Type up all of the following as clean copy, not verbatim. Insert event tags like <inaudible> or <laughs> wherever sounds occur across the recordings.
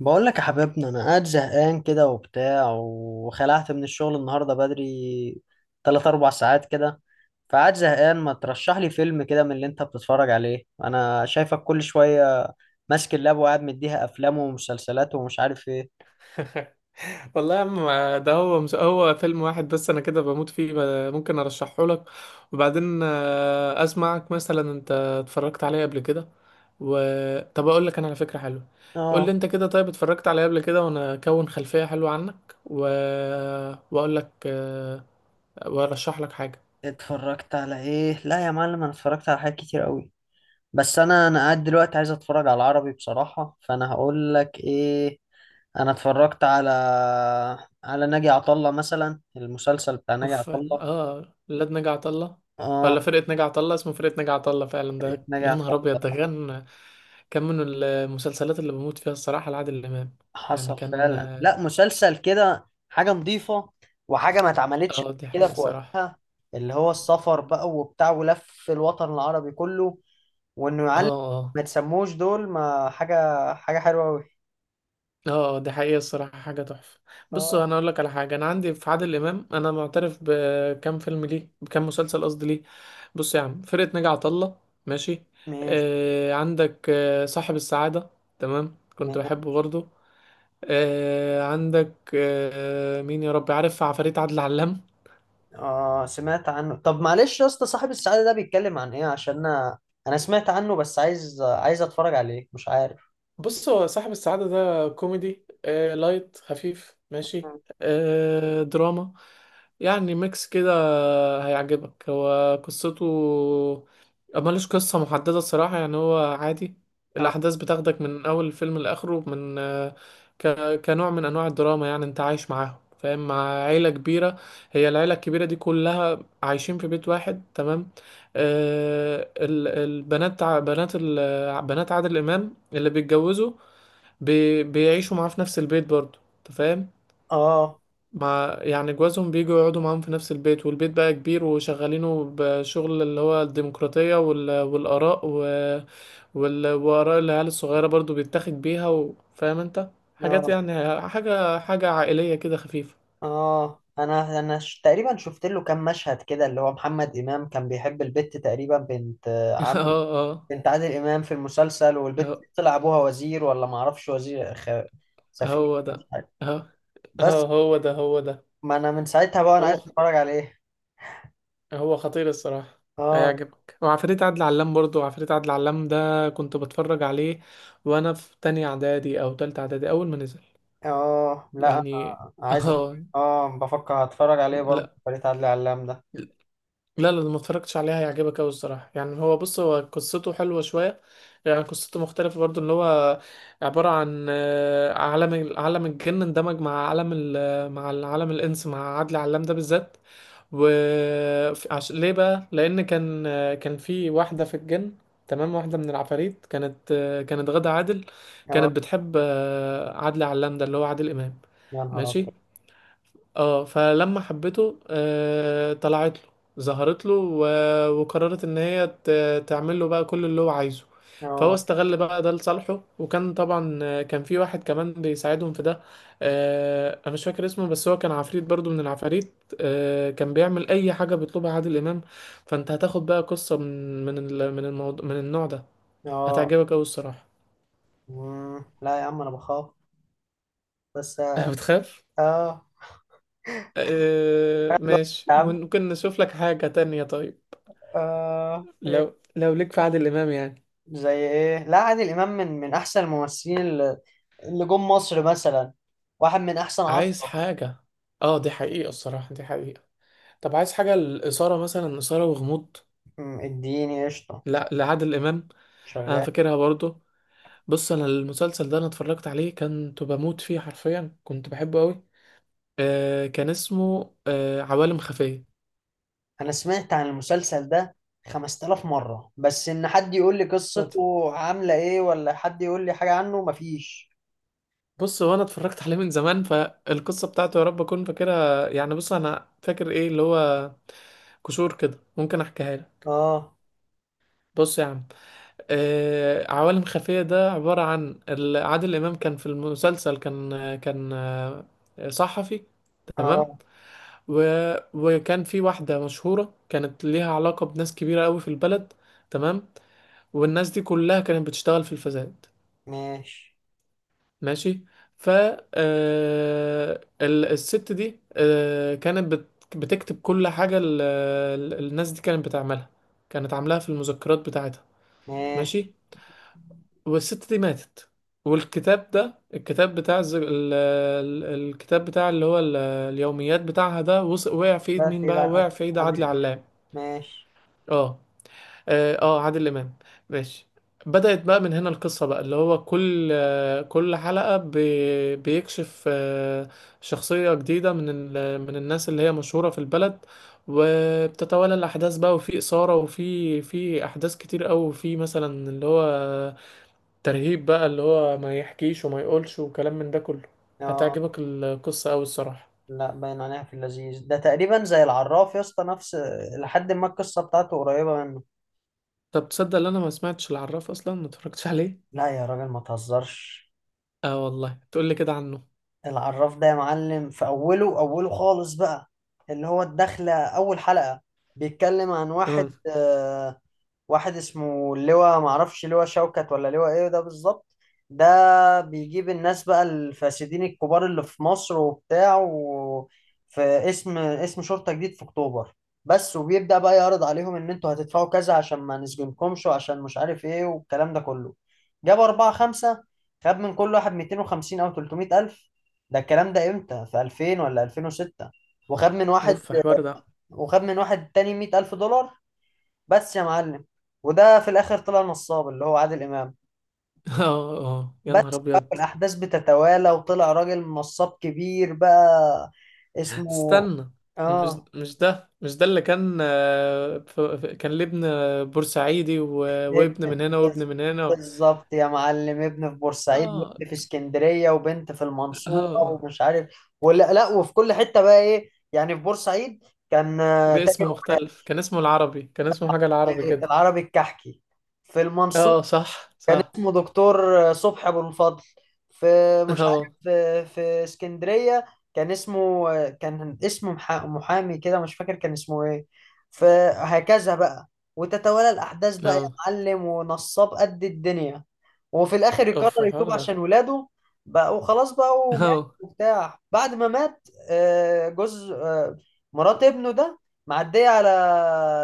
بقول لك يا حبيبنا، انا قاعد زهقان كده وبتاع، وخلعت من الشغل النهارده بدري 3 4 ساعات كده. فقاعد زهقان، ما ترشح لي فيلم كده من اللي انت بتتفرج عليه؟ انا شايفك كل شويه ماسك اللاب، وقاعد مديها افلام ومسلسلات ومش عارف ايه. <laughs> والله يا عم، ده هو مش هو فيلم واحد بس، انا كده بموت فيه. ممكن ارشحه لك وبعدين اسمعك مثلا انت اتفرجت عليه قبل كده و... طب اقول لك انا على فكرة حلوة. قول لي اه، انت كده، طيب اتفرجت عليه قبل كده وانا اكون خلفية حلوة عنك واقول لك وارشح لك حاجة. اتفرجت على ايه؟ لا يا معلم، انا اتفرجت على حاجات كتير قوي. بس انا قاعد دلوقتي عايز اتفرج على العربي بصراحه، فانا هقول لك ايه. انا اتفرجت على ناجي عطا الله مثلا، المسلسل بتاع ناجي اوف. عطا الله. اه، ولاد نجا عطا الله، اه، ولا فرقة نجا عطا الله؟ اسمه فرقة نجا عطا الله فعلا. ده ناجي يا عطا نهار ابيض، ده الله. كان كان من المسلسلات اللي بموت فيها الصراحة، لعادل امام. يعني حصل كان. فعلا. لا، مسلسل كده حاجه نظيفه، وحاجه ما اتعملتش اه دي قبل كده حقيقة في الصراحة. وقتها. اللي هو السفر بقى وبتاع، ولف الوطن العربي كله، وانه اه يعلم. اه ما تسموش دول، ما حاجه حاجه حلوه قوي. اه. دي حقيقة الصراحة، حاجة تحفة. بصوا، اه، انا اقول لك على حاجة، انا عندي في عادل امام انا معترف بكام فيلم ليه، بكام مسلسل قصدي ليه. بص يا عم، فرقة نجا عطا الله، ماشي. ماشي. آه عندك آه صاحب السعادة، تمام كنت بحبه برضو. آه عندك آه مين يا رب عارف، عفاريت عادل علام. اه، سمعت عنه. طب معلش يا اسطى، صاحب السعادة ده بيتكلم عن ايه؟ عشان انا سمعت عنه، بس عايز اتفرج عليه، مش عارف. بص، هو صاحب السعادة ده كوميدي، آه لايت خفيف ماشي، آه دراما، يعني ميكس كده. هيعجبك. هو قصته، ملوش قصة محددة الصراحة، يعني هو عادي. اه، الأحداث بتاخدك من أول الفيلم لآخره، من ك... كنوع من أنواع الدراما. يعني أنت عايش معاهم، فاهم، مع عيلة كبيرة. هي العيلة الكبيرة دي كلها عايشين في بيت واحد، تمام؟ آه البنات، بنات بنات عادل امام اللي بيتجوزوا بيعيشوا معاه في نفس البيت برضه، انت فاهم؟ اه، مع يعني جوازهم، بيجوا يقعدوا معاهم في نفس البيت، والبيت بقى كبير وشغالينه بشغل اللي هو الديمقراطية والآراء وآراء العيال الصغيرة برضه بيتاخد بيها، فاهم انت، اه. حاجات، يعني حاجة حاجة عائلية كده خفيفة. انا تقريبا شفت له كام مشهد كده، اللي هو محمد امام كان بيحب البت، تقريبا بنت <laughs> عامل اه بنت عادل امام في المسلسل، اه، والبت هو طلع ابوها وزير، ولا ما اعرفش، وزير سفير، هو مش ده، عارف. اه بس اه هو ده هو ده. ما انا من ساعتها بقى انا عايز هو اتفرج عليه. هو خطير الصراحة. اه، هيعجبك. وعفاريت عدل علام برضو، عفاريت عدل علام ده كنت بتفرج عليه وانا في تانية اعدادي او تالتة اعدادي، اول ما نزل اه، لا يعني. انا عايز <laughs> اه. اه، بفكر هتفرج عليه برضه، لا فريق عدلي علام ده. لا، ما اتفرجتش عليها. هيعجبك قوي الصراحه. يعني هو، بص، هو قصته حلوه شويه، يعني قصته مختلفه برضو. ان هو عباره عن عالم عالم الجن اندمج مع عالم مع العالم الانس، مع عادل علام ده بالذات. و ليه بقى؟ لان كان كان في واحده في الجن، تمام، واحده من العفاريت، كانت كانت غادة عادل. اه كانت بتحب عادل علام ده اللي هو عادل امام، يا نهار ماشي. ابيض. اه فلما حبته آه، طلعت له، ظهرت له، وقررت ان هي تعمل له بقى كل اللي هو عايزه. فهو اه، استغل بقى ده لصالحه، وكان طبعا كان في واحد كمان بيساعدهم في ده. آه انا مش فاكر اسمه، بس هو كان عفريت برضو من العفاريت، آه كان بيعمل اي حاجة بيطلبها عادل امام. فانت هتاخد بقى قصة من الموضوع، من النوع ده. اه، هتعجبك اوي الصراحة. لا يا عم، انا بخاف. بس، <laughs> اه. بتخاف؟ آه، آه حلو. ماشي، يا عم. ممكن نشوف لك حاجة تانية طيب. إيه؟ لو لو ليك في عادل امام يعني، زي ايه؟ لا، عادل امام من احسن الممثلين، اللي جم مصر مثلا، واحد من احسن عايز عشرة. حاجة. اه دي حقيقة الصراحة، دي حقيقة. طب عايز حاجة الإثارة مثلا، إثارة وغموض؟ اديني قشطه. لا لعادل إمام. أنا شغال. فاكرها برضو. بص، أنا المسلسل ده أنا اتفرجت عليه كنت بموت فيه حرفيا، كنت بحبه أوي. آه كان اسمه آه عوالم خفية. انا سمعت عن المسلسل ده 5000 مرة، بس ان حد يقول لي صدفة. قصته عاملة ايه، ولا حد يقول لي حاجة عنه، مفيش. بص، هو أنا اتفرجت <laughs> عليه من زمان، فالقصة بتاعته يا رب أكون فاكرها يعني. بص أنا فاكر إيه اللي هو كشور كده، ممكن أحكيها لك. اه، بص يا عم، عوالم خفية ده عبارة عن عادل إمام كان في المسلسل، كان كان صحفي، تمام، اه، و... وكان في واحدة مشهورة كانت ليها علاقة بناس كبيرة قوي في البلد، تمام. والناس دي كلها كانت بتشتغل في الفساد، ماشي. ماشي. ف آه، الست دي بتكتب كل حاجة الناس دي كانت بتعملها، كانت عاملاها في المذكرات بتاعتها، ماشي. ماشي. والست دي ماتت، والكتاب ده، الكتاب بتاع الز... ال... ال- الكتاب بتاع اللي هو اليوميات بتاعها ده، وقع في ايد لا، مين في، بقى؟ لا وقع في ايد عادل عادل إمام. علام. ماشي. اه اه آه، عادل امام، ماشي. بدأت بقى من هنا القصة بقى، اللي هو كل كل حلقة بيكشف آه، شخصية جديدة من من الناس اللي هي مشهورة في البلد. وبتتوالى الأحداث بقى، وفي إثارة وفي في أحداث كتير أوي، وفي مثلا اللي هو ترهيب بقى، اللي هو ما يحكيش وما يقولش وكلام من ده كله. اه. هتعجبك القصة أوي الصراحة. لا، باين عليها في اللذيذ ده، تقريبا زي العراف يا اسطى، نفس... لحد ما القصة بتاعته قريبة منه. طب تصدق ان انا ما سمعتش العراف اصلا؟ ما اتفرجتش عليه. لا يا راجل، ما تهزرش. اه والله، تقول لي كده عنه. العراف ده يا معلم، في اوله اوله خالص بقى، اللي هو الدخلة، اول حلقة، بيتكلم عن اه واحد، واحد اسمه لواء، معرفش لواء شوكت ولا لواء ايه ده بالظبط. ده بيجيب الناس بقى الفاسدين الكبار اللي في مصر وبتاع، و... في اسم، شرطة جديد في اكتوبر بس. وبيبدأ بقى يعرض عليهم ان انتوا هتدفعوا كذا، عشان ما نسجنكمش، وعشان مش عارف ايه، والكلام ده كله. جاب أربعة خمسة، خد من كل واحد 250 أو 300 ألف. ده الكلام ده امتى؟ في 2000 ولا 2006. وخد من واحد، اوف حوار ده. وخد من واحد تاني 100 ألف دولار، بس يا معلم. وده في الاخر طلع نصاب، اللي هو عادل امام. <laughs> اه اه يا بس. نهار بقى ابيض. الاحداث بتتوالى، وطلع راجل نصاب كبير بقى. اسمه... استنى، مش اه، مش ده اللي كان كان ليه ابن بورسعيدي ابن، وابن من هنا وابن بز- من هنا بالظبط يا معلم، ابن في بورسعيد، اه وابن في اسكندريه، وبنت في اه المنصوره، آه. ومش عارف، ولا لا. وفي كل حته بقى ايه، يعني في بورسعيد كان تاجر باسم قماش، مختلف، كان اسمه العربي، كان اسمه حاجة العربي كده. العربي الكحكي. في المنصورة اه صح كان صح. اسمه دكتور صبحي ابو الفضل. في، <laughs> مش عارف، اه في اسكندريه كان اسمه، محامي كده، مش فاكر كان اسمه ايه. فهكذا بقى، وتتوالى الاحداث بقى يا اه معلم، ونصاب قد الدنيا. وفي الاخر يقرر اوف يتوب الحوار عشان ده. ولاده بقى، وخلاص بقى، ومات اه، وبتاع. بعد ما مات جوز مرات ابنه ده، معديه على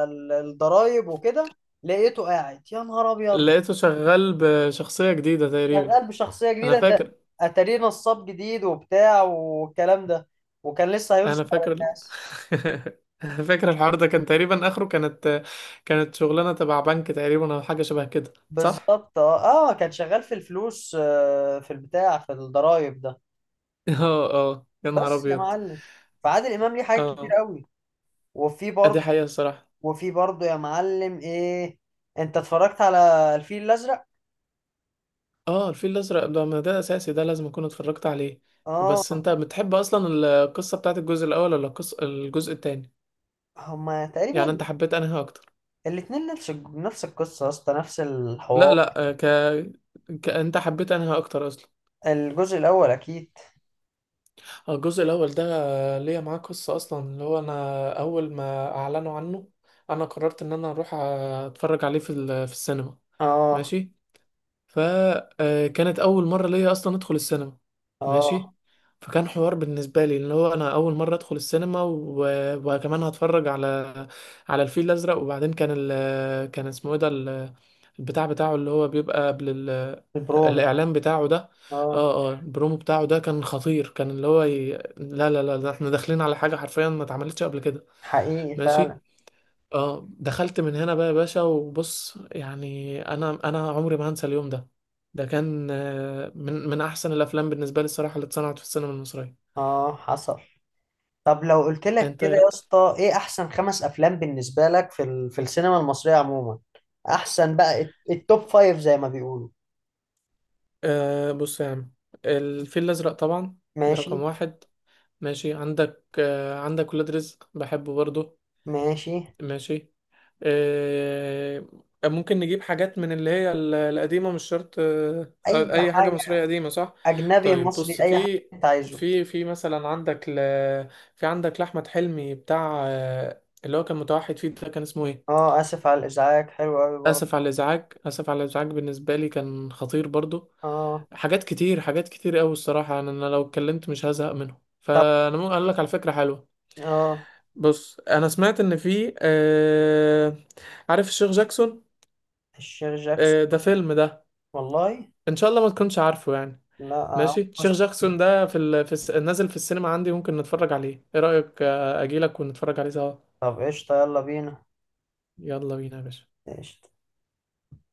الضرايب وكده، لقيته قاعد يا نهار ابيض، لقيته شغال بشخصية جديدة تقريبا. شغال بشخصية انا جديدة ده. فاكر، اتاريه نصاب جديد وبتاع، والكلام ده، وكان لسه انا هيرسم على فاكر. <laughs> الناس. انا فاكر الحوار ده كان تقريبا اخره، كانت كانت شغلانة تبع بنك تقريبا، او حاجة شبه كده، صح؟ بالظبط، اه، اه، كان شغال في الفلوس، في البتاع، في الضرايب ده، اه اه يا نهار بس يا ابيض. معلم. فعادل امام ليه حاجات كتير اه قوي. وفي دي برضه، حقيقة الصراحة. يا معلم ايه، انت اتفرجت على الفيل الازرق؟ اه الفيل الازرق ده، ما ده اساسي، ده لازم اكون اتفرجت عليه. بس اه. انت بتحب اصلا القصة بتاعت الجزء الاول ولا القصة الجزء التاني؟ هما يعني انت تقريبا حبيت انهي اكتر؟ الاتنين نفس القصه يا اسطى، نفس لا الحوار. لا انت حبيت انهي اكتر اصلا؟ الجزء الاول اكيد. الجزء الأول ده ليا معاه قصة أصلا، اللي هو أنا أول ما أعلنوا عنه أنا قررت إن أنا أروح أتفرج عليه في السينما، اه، ماشي. فكانت اول مره ليا اصلا ادخل السينما، ماشي. اه، فكان حوار بالنسبه لي، اللي هو انا اول مره ادخل السينما، وكمان هتفرج على على الفيل الازرق. وبعدين كان كان اسمه ايه ده البتاع بتاعه اللي هو بيبقى قبل البرومو. الاعلان بتاعه ده. اه، اه اه البرومو بتاعه ده كان خطير، كان اللي هو لا لا لا، ده احنا داخلين على حاجه حرفيا ما اتعملتش قبل كده، حقيقي ماشي. فعلا. اه، دخلت من هنا بقى يا باشا، وبص يعني، انا انا عمري ما هنسى اليوم ده. ده كان من من احسن الافلام بالنسبه لي الصراحه اللي اتصنعت في السينما المصريه. اه، حصل. طب لو قلت لك انت كده إيه يا رأيك؟ اسطى، ايه احسن خمس افلام بالنسبه لك في في السينما المصريه عموما؟ احسن بقى التوب فايف زي ما بيقولوا. آه بص يا عم، الفيل الازرق طبعا، ده ماشي. رقم واحد، ماشي. عندك آه عندك ولاد رزق، بحبه برضه، ماشي. ماشي. آه، ممكن نجيب حاجات من اللي هي القديمة، مش شرط، اي أي حاجة حاجه، مصرية قديمة صح؟ اجنبي، طيب مصري، بص، اي حاجه انت عايزه. في مثلا عندك في عندك لأحمد حلمي بتاع اللي هو كان متوحد فيه ده، كان اسمه ايه؟ اه، اسف على الازعاج، حلو قوي برضه. آسف على الإزعاج، آسف على الإزعاج بالنسبة لي كان خطير برضو. اه، حاجات كتير، حاجات كتير أوي الصراحة. أنا أنا لو اتكلمت مش هزهق منهم، طب. فأنا ممكن أقول لك على فكرة حلوة. اه، بص، أنا سمعت إن في عارف الشيخ جاكسون؟ الشير جاكسون. ده فيلم ده، والله. ان شاء الله ما تكونش عارفه يعني. لا. ماشي، شيخ جاكسون ده في ال... في الس... نازل في السينما عندي، ممكن نتفرج عليه، ايه رأيك؟ اجيلك ونتفرج عليه سوا. طب قشطه، يلا بينا. يلا بينا يا باشا. قشطه.